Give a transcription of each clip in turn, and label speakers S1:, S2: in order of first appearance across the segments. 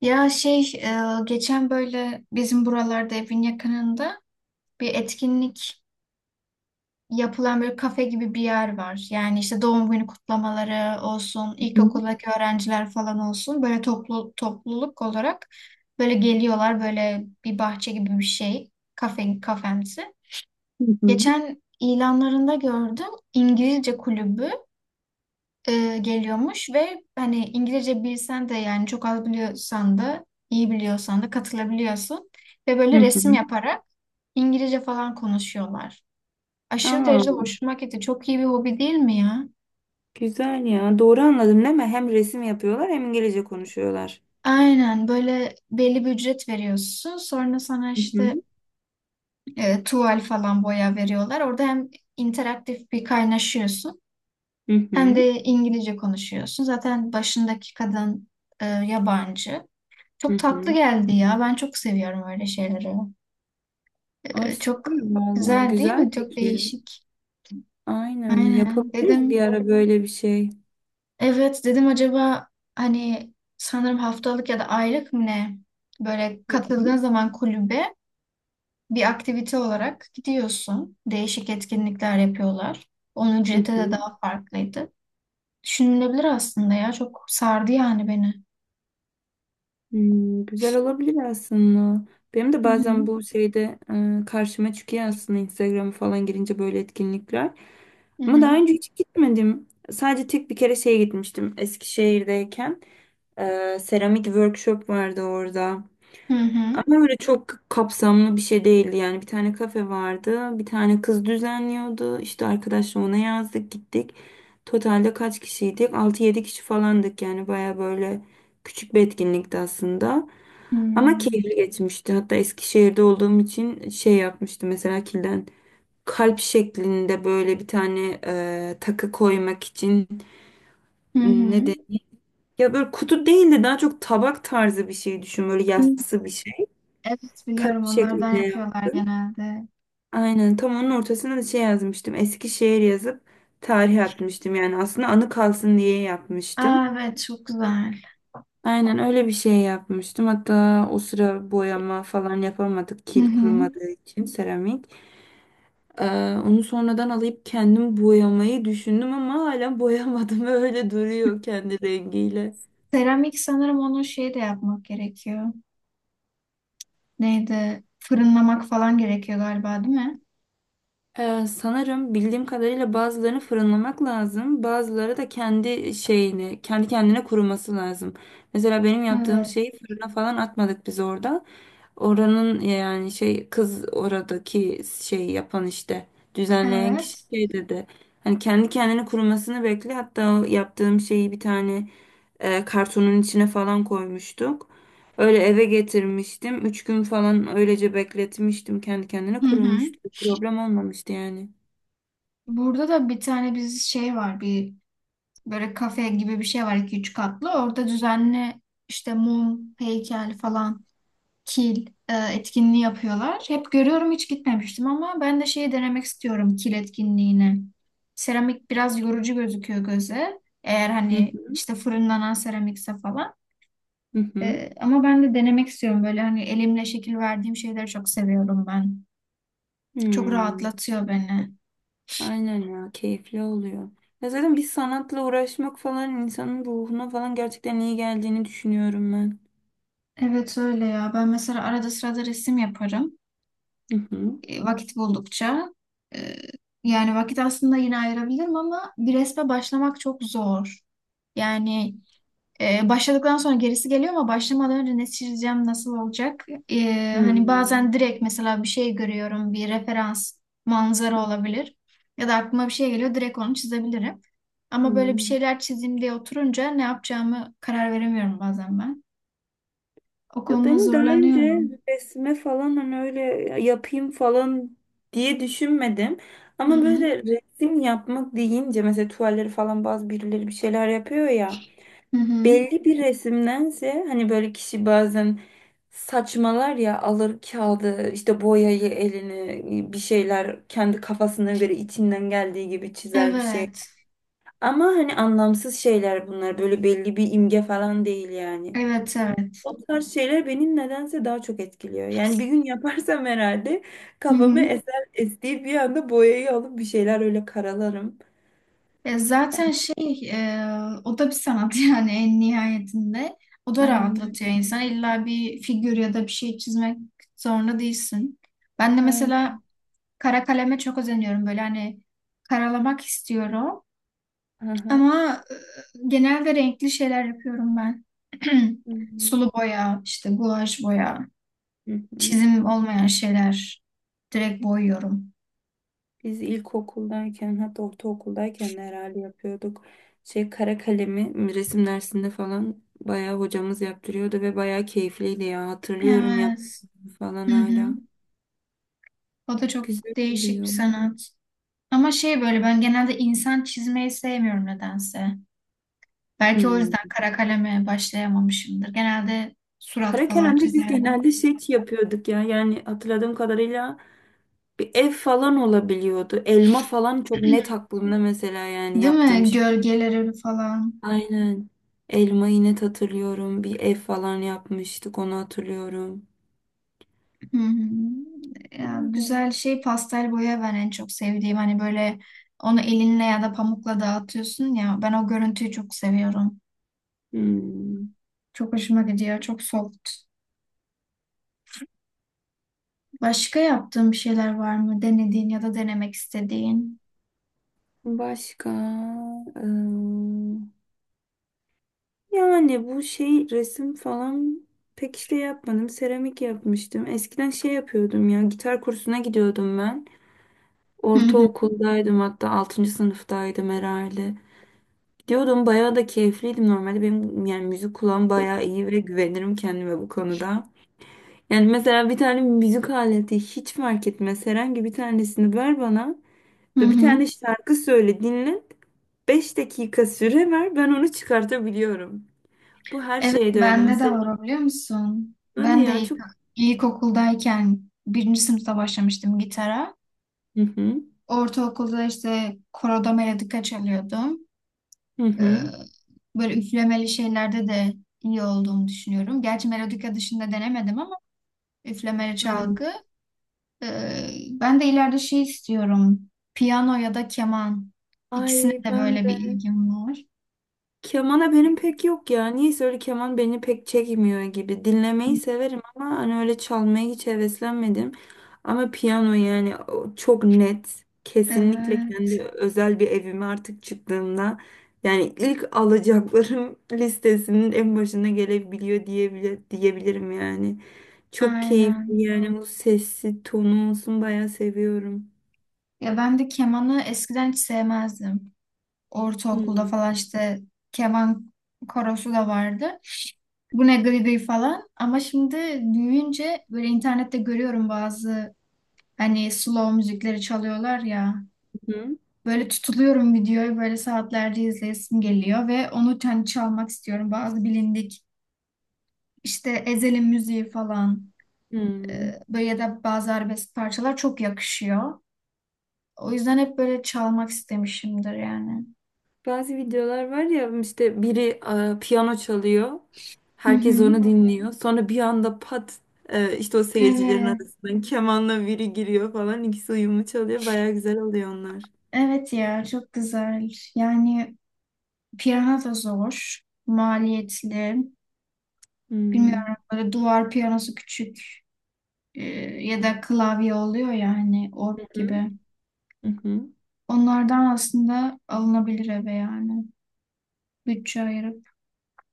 S1: Geçen böyle bizim buralarda evin yakınında bir etkinlik yapılan böyle kafe gibi bir yer var. Yani işte doğum günü kutlamaları olsun,
S2: Hı
S1: ilkokuldaki öğrenciler falan olsun böyle toplu topluluk olarak böyle geliyorlar, böyle bir bahçe gibi bir şey, kafe kafemsi.
S2: hı.
S1: Geçen ilanlarında gördüm, İngilizce kulübü. Geliyormuş ve hani İngilizce bilsen de, yani çok az biliyorsan da iyi biliyorsan da katılabiliyorsun ve
S2: Hı
S1: böyle
S2: hı.
S1: resim
S2: Hı.
S1: yaparak İngilizce falan konuşuyorlar. Aşırı
S2: Aa,
S1: derecede hoşuma gitti. Çok iyi bir hobi değil mi ya?
S2: güzel ya. Doğru anladım değil mi? Hem resim yapıyorlar hem İngilizce konuşuyorlar.
S1: Aynen, böyle belli bir ücret veriyorsun. Sonra sana
S2: Hı
S1: işte
S2: hı.
S1: tuval falan boya veriyorlar. Orada hem interaktif bir kaynaşıyorsun
S2: Hı
S1: hem
S2: hı.
S1: de İngilizce konuşuyorsun. Zaten başındaki kadın yabancı.
S2: Hı
S1: Çok tatlı
S2: hı.
S1: geldi ya. Ben çok seviyorum öyle şeyleri.
S2: Ay süper
S1: Çok
S2: valla.
S1: güzel değil
S2: Güzel
S1: mi? Çok
S2: fikir.
S1: değişik.
S2: Aynen
S1: Aynen.
S2: yapabiliriz bir
S1: Dedim.
S2: ara böyle bir şey.
S1: Evet dedim, acaba hani sanırım haftalık ya da aylık mı ne? Böyle
S2: Hı hı.
S1: katıldığın zaman kulübe bir aktivite olarak gidiyorsun. Değişik etkinlikler yapıyorlar. Onun
S2: Hı
S1: ücreti de
S2: hı.
S1: daha farklıydı. Düşünülebilir aslında ya. Çok sardı yani beni.
S2: Hmm, güzel olabilir aslında. Benim de
S1: Hı
S2: bazen
S1: hı.
S2: bu şeyde karşıma çıkıyor aslında Instagram'a falan girince böyle etkinlikler.
S1: Hı
S2: Ama
S1: hı.
S2: daha önce hiç gitmedim. Sadece tek bir kere şeye gitmiştim Eskişehir'deyken. Seramik workshop vardı orada.
S1: Hı hı.
S2: Ama öyle çok kapsamlı bir şey değildi yani. Bir tane kafe vardı. Bir tane kız düzenliyordu. İşte arkadaşla ona yazdık gittik. Totalde kaç kişiydik? Altı yedi kişi falandık yani. Baya böyle küçük bir etkinlikti aslında.
S1: Hı
S2: Ama keyifli geçmişti. Hatta Eskişehir'de olduğum için şey yapmıştım mesela kilden. Kalp şeklinde böyle bir tane takı koymak için ne
S1: hı.
S2: ya böyle kutu değil de daha çok tabak tarzı bir şey düşün. Böyle
S1: Hı hı.
S2: yassı bir şey.
S1: Evet
S2: Kalp
S1: biliyorum, onlardan
S2: şeklinde
S1: yapıyorlar
S2: yaptım.
S1: genelde.
S2: Aynen tam onun ortasına da şey yazmıştım. Eskişehir yazıp tarih atmıştım. Yani aslında anı kalsın diye
S1: Aa,
S2: yapmıştım.
S1: evet çok güzel.
S2: Aynen öyle bir şey yapmıştım. Hatta o sıra boyama falan yapamadık.
S1: Hı
S2: Kil
S1: hı.
S2: kurumadığı için seramik. Ee, Onu sonradan alıp kendim boyamayı düşündüm ama hala boyamadım. Öyle duruyor kendi rengiyle.
S1: Seramik sanırım onu şey de yapmak gerekiyor. Neydi? Fırınlamak falan gerekiyor galiba değil mi?
S2: Sanırım bildiğim kadarıyla bazılarını fırınlamak lazım. Bazıları da kendi şeyini, kendi kendine kuruması lazım. Mesela benim yaptığım
S1: Evet.
S2: şeyi fırına falan atmadık biz orada. Oranın yani şey kız oradaki şey yapan işte düzenleyen kişi
S1: Evet.
S2: şey dedi. Hani kendi kendine kurumasını bekle. Hatta o yaptığım şeyi bir tane kartonun içine falan koymuştuk. Öyle eve getirmiştim. 3 gün falan öylece bekletmiştim. Kendi kendine
S1: Hı hı.
S2: kurumuştu. Problem olmamıştı yani.
S1: Burada da bir tane biz şey var, böyle kafe gibi bir şey var, iki üç katlı. Orada düzenli işte mum, heykel falan, kil etkinliği yapıyorlar. Hep görüyorum, hiç gitmemiştim ama ben de şeyi denemek istiyorum, kil etkinliğini. Seramik biraz yorucu gözüküyor göze. Eğer
S2: Hı
S1: hani
S2: hı.
S1: işte fırınlanan seramikse falan.
S2: Hı hı.
S1: E, ama ben de denemek istiyorum, böyle hani elimle şekil verdiğim şeyleri çok seviyorum ben. Çok
S2: Hmm.
S1: rahatlatıyor beni.
S2: Aynen ya keyifli oluyor. Ya zaten bir sanatla uğraşmak falan insanın ruhuna falan gerçekten iyi geldiğini düşünüyorum ben.
S1: Evet öyle ya. Ben mesela arada sırada resim yaparım.
S2: Hı hı.
S1: Vakit buldukça. E, Yani vakit aslında yine ayırabilirim ama bir resme başlamak çok zor. Yani Başladıktan sonra gerisi geliyor ama başlamadan önce ne çizeceğim, nasıl olacak? Hani bazen
S2: Hmm.
S1: direkt mesela bir şey görüyorum, bir referans, manzara olabilir. Ya da aklıma bir şey geliyor, direkt onu çizebilirim. Ama böyle bir
S2: Hmm.
S1: şeyler çizeyim diye oturunca ne yapacağımı karar veremiyorum bazen ben. O
S2: Ya
S1: konuda
S2: benim daha önce
S1: zorlanıyorum.
S2: resme falan hani öyle yapayım falan diye düşünmedim.
S1: Hı
S2: Ama
S1: hı.
S2: böyle resim yapmak deyince mesela tuvalleri falan bazı birileri bir şeyler yapıyor ya.
S1: Hı hı.
S2: Belli bir resimdense hani böyle kişi bazen saçmalar ya alır kağıdı işte boyayı elini bir şeyler kendi kafasına göre içinden geldiği gibi çizer bir şey.
S1: Evet.
S2: Ama hani anlamsız şeyler bunlar böyle belli bir imge falan değil yani.
S1: Evet, evet.
S2: O tarz şeyler beni nedense daha çok etkiliyor. Yani bir gün yaparsam herhalde
S1: Hı
S2: kafamı
S1: hı.
S2: eser estiği bir anda boyayı alıp bir şeyler öyle karalarım.
S1: E, zaten şey e, O da bir sanat yani en nihayetinde. O da
S2: Aynen öyle.
S1: rahatlatıyor insan. İlla bir figür ya da bir şey çizmek zorunda değilsin. Ben de
S2: Aynen.
S1: mesela kara kaleme çok özeniyorum. Böyle hani karalamak istiyorum.
S2: Aha.
S1: Ama genelde renkli şeyler yapıyorum ben.
S2: Hı hı.
S1: Sulu boya, işte guaj boya,
S2: Hı hı.
S1: çizim olmayan şeyler direkt boyuyorum.
S2: Biz ilkokuldayken hatta ortaokuldayken de herhalde yapıyorduk. Şey kara kalemi resim dersinde falan bayağı hocamız yaptırıyordu ve bayağı keyifliydi ya. Hatırlıyorum
S1: Evet.
S2: yaptığımı falan
S1: Hı hı.
S2: hala.
S1: O da çok
S2: Güzel
S1: değişik bir
S2: oluyor.
S1: sanat. Ama şey, böyle ben genelde insan çizmeyi sevmiyorum nedense. Belki o
S2: Hmm.
S1: yüzden kara kaleme başlayamamışımdır. Genelde surat
S2: Kara
S1: falan
S2: kalemde biz
S1: çizerler.
S2: genelde şey yapıyorduk ya. Yani hatırladığım kadarıyla bir ev falan olabiliyordu. Elma falan çok net aklımda mesela yani
S1: Değil
S2: yaptığım
S1: mi?
S2: şey.
S1: Gölgeleri falan.
S2: Aynen. Elmayı net hatırlıyorum. Bir ev falan yapmıştık onu hatırlıyorum.
S1: Hı hı. Ya,
S2: Öyle.
S1: güzel şey, pastel boya ben en çok sevdiğim. Hani böyle onu elinle ya da pamukla dağıtıyorsun ya. Ben o görüntüyü çok seviyorum.
S2: Hmm.
S1: Çok hoşuma gidiyor. Çok soft. Başka yaptığın bir şeyler var mı? Denediğin ya da denemek istediğin.
S2: Başka eee, yani bu şey resim falan pek işte yapmadım. Seramik yapmıştım. Eskiden şey yapıyordum ya gitar kursuna gidiyordum ben.
S1: Hı hı.
S2: Ortaokuldaydım hatta altıncı sınıftaydım herhalde. Gidiyordum bayağı da keyifliydim normalde. Benim yani müzik kulağım bayağı iyi ve güvenirim kendime bu konuda. Yani mesela bir tane müzik aleti hiç fark etmez herhangi bir tanesini ver bana.
S1: Hı
S2: Ve bir
S1: hı.
S2: tane şarkı söyle dinlet, 5 dakika süre ver ben onu çıkartabiliyorum. Bu her
S1: Evet
S2: şeyde öyle
S1: bende de
S2: mesela.
S1: var o, biliyor musun?
S2: Hadi ya çok...
S1: İlkokuldayken birinci sınıfta başlamıştım gitara.
S2: Hı hı.
S1: Ortaokulda işte koroda melodika çalıyordum.
S2: Hı
S1: Ee,
S2: hı.
S1: Böyle üflemeli şeylerde de iyi olduğumu düşünüyorum. Gerçi melodika dışında denemedim ama üflemeli
S2: Hı.
S1: çalgı. Ben de ileride şey istiyorum, piyano ya da keman. İkisine
S2: Ay
S1: de
S2: ben
S1: böyle bir
S2: de.
S1: ilgim var.
S2: Kemana benim pek yok ya. Niyeyse öyle keman beni pek çekmiyor gibi. Dinlemeyi severim ama hani öyle çalmaya hiç heveslenmedim. Ama piyano yani o çok net. Kesinlikle kendi
S1: Evet,
S2: özel bir evime artık çıktığımda yani ilk alacaklarım listesinin en başına gelebiliyor diyebilirim yani. Çok keyifli
S1: aynen.
S2: yani bu sesi tonu olsun bayağı seviyorum.
S1: Ya ben de kemanı eskiden hiç sevmezdim. Ortaokulda
S2: Hmm.
S1: falan işte keman korosu da vardı. Bu ne gıy gıy falan. Ama şimdi büyüyünce böyle internette görüyorum, bazı hani slow müzikleri çalıyorlar ya.
S2: Hı.
S1: Böyle tutuluyorum, videoyu böyle saatlerce izleyesim geliyor ve onu kendi çalmak istiyorum. Bazı bilindik işte Ezel'in müziği falan,
S2: Hmm.
S1: böyle ya da bazı arabesk parçalar çok yakışıyor. O yüzden hep böyle çalmak istemişimdir yani.
S2: Bazı videolar var ya işte biri piyano çalıyor.
S1: Hı
S2: Herkes
S1: hı.
S2: onu dinliyor. Sonra bir anda pat işte o seyircilerin
S1: Evet.
S2: arasından kemanla biri giriyor falan. İkisi uyumlu çalıyor. Baya güzel oluyor onlar.
S1: Evet ya, çok güzel. Yani piyano da zor, maliyetli.
S2: Hmm.
S1: Bilmiyorum, böyle duvar piyanosu küçük e, ya da klavye oluyor yani, org
S2: Hı hı.
S1: gibi.
S2: Hı hı.
S1: Onlardan aslında alınabilir eve yani. Bütçe ayırıp.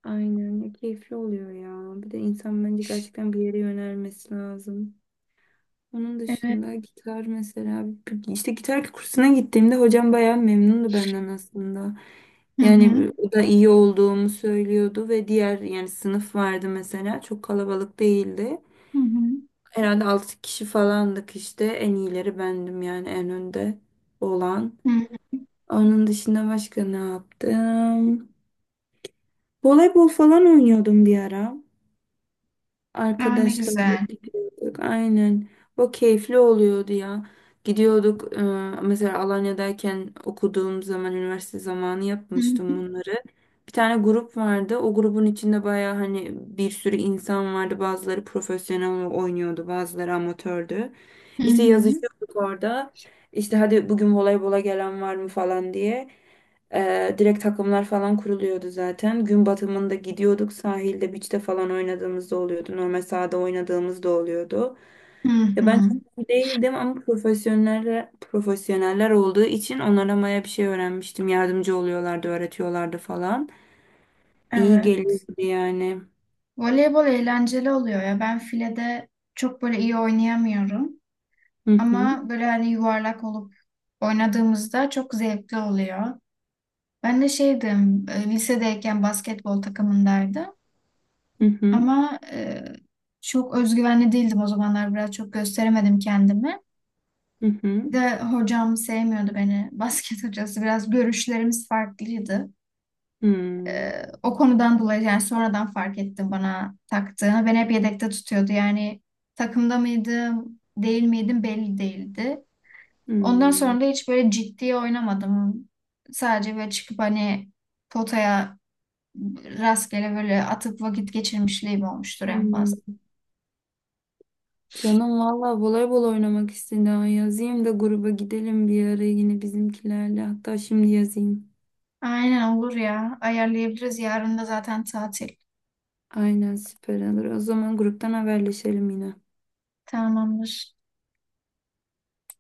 S2: Aynen ya keyifli oluyor ya. Bir de insan bence gerçekten bir yere yönelmesi lazım. Onun
S1: Evet.
S2: dışında gitar mesela işte gitar kursuna gittiğimde hocam bayağı memnundu benden aslında.
S1: Hı
S2: Yani
S1: hı.
S2: o da iyi olduğumu söylüyordu ve diğer yani sınıf vardı mesela çok kalabalık değildi.
S1: Hı hı.
S2: Herhalde 6 kişi falandık işte en iyileri bendim yani en önde olan.
S1: Hı hı.
S2: Onun dışında başka ne yaptım? Voleybol falan oynuyordum bir ara.
S1: Aa, ne
S2: Arkadaşlarla
S1: güzel.
S2: gidiyorduk. Aynen. O keyifli oluyordu ya. Gidiyorduk. Mesela Alanya'dayken okuduğum zaman, üniversite zamanı
S1: Hı hı.
S2: yapmıştım bunları. Bir tane grup vardı. O grubun içinde baya hani bir sürü insan vardı. Bazıları profesyonel oynuyordu, bazıları amatördü.
S1: Hı
S2: İşte
S1: hı.
S2: yazışıyorduk orada. İşte hadi bugün voleybola gelen var mı falan diye. Direkt takımlar falan kuruluyordu zaten. Gün batımında gidiyorduk sahilde, beach'te falan oynadığımızda oluyordu. Normal sahada oynadığımızda oluyordu.
S1: Hı
S2: Ya ben
S1: hı.
S2: çok iyi değildim ama profesyoneller olduğu için onlara baya bir şey öğrenmiştim. Yardımcı oluyorlardı, öğretiyorlardı falan. İyi
S1: Evet.
S2: geliyordu yani.
S1: Voleybol eğlenceli oluyor ya. Ben filede çok böyle iyi oynayamıyorum.
S2: Hı hı.
S1: Ama böyle hani yuvarlak olup oynadığımızda çok zevkli oluyor. Ben de şeydim, lisedeyken basketbol takımındaydım.
S2: Hı hı.
S1: Ama çok özgüvenli değildim o zamanlar. Biraz çok gösteremedim kendimi.
S2: Hı hı.
S1: Bir de hocam sevmiyordu beni. Basket hocası, biraz görüşlerimiz farklıydı. E,
S2: Hı.
S1: O konudan dolayı, yani sonradan fark ettim bana taktığını. Beni hep yedekte tutuyordu. Yani takımda mıydım, değil miydim belli değildi. Ondan
S2: Hı.
S1: sonra da hiç böyle ciddiye oynamadım. Sadece böyle çıkıp hani potaya rastgele böyle atıp vakit geçirmişliğim olmuştur en fazla.
S2: Hı. Canım valla voleybol oynamak istedi. Ha. Yazayım da gruba gidelim bir ara yine bizimkilerle. Hatta şimdi yazayım.
S1: Aynen olur ya. Ayarlayabiliriz. Yarın da zaten tatil.
S2: Aynen süper olur. O zaman gruptan haberleşelim yine.
S1: Tamamdır.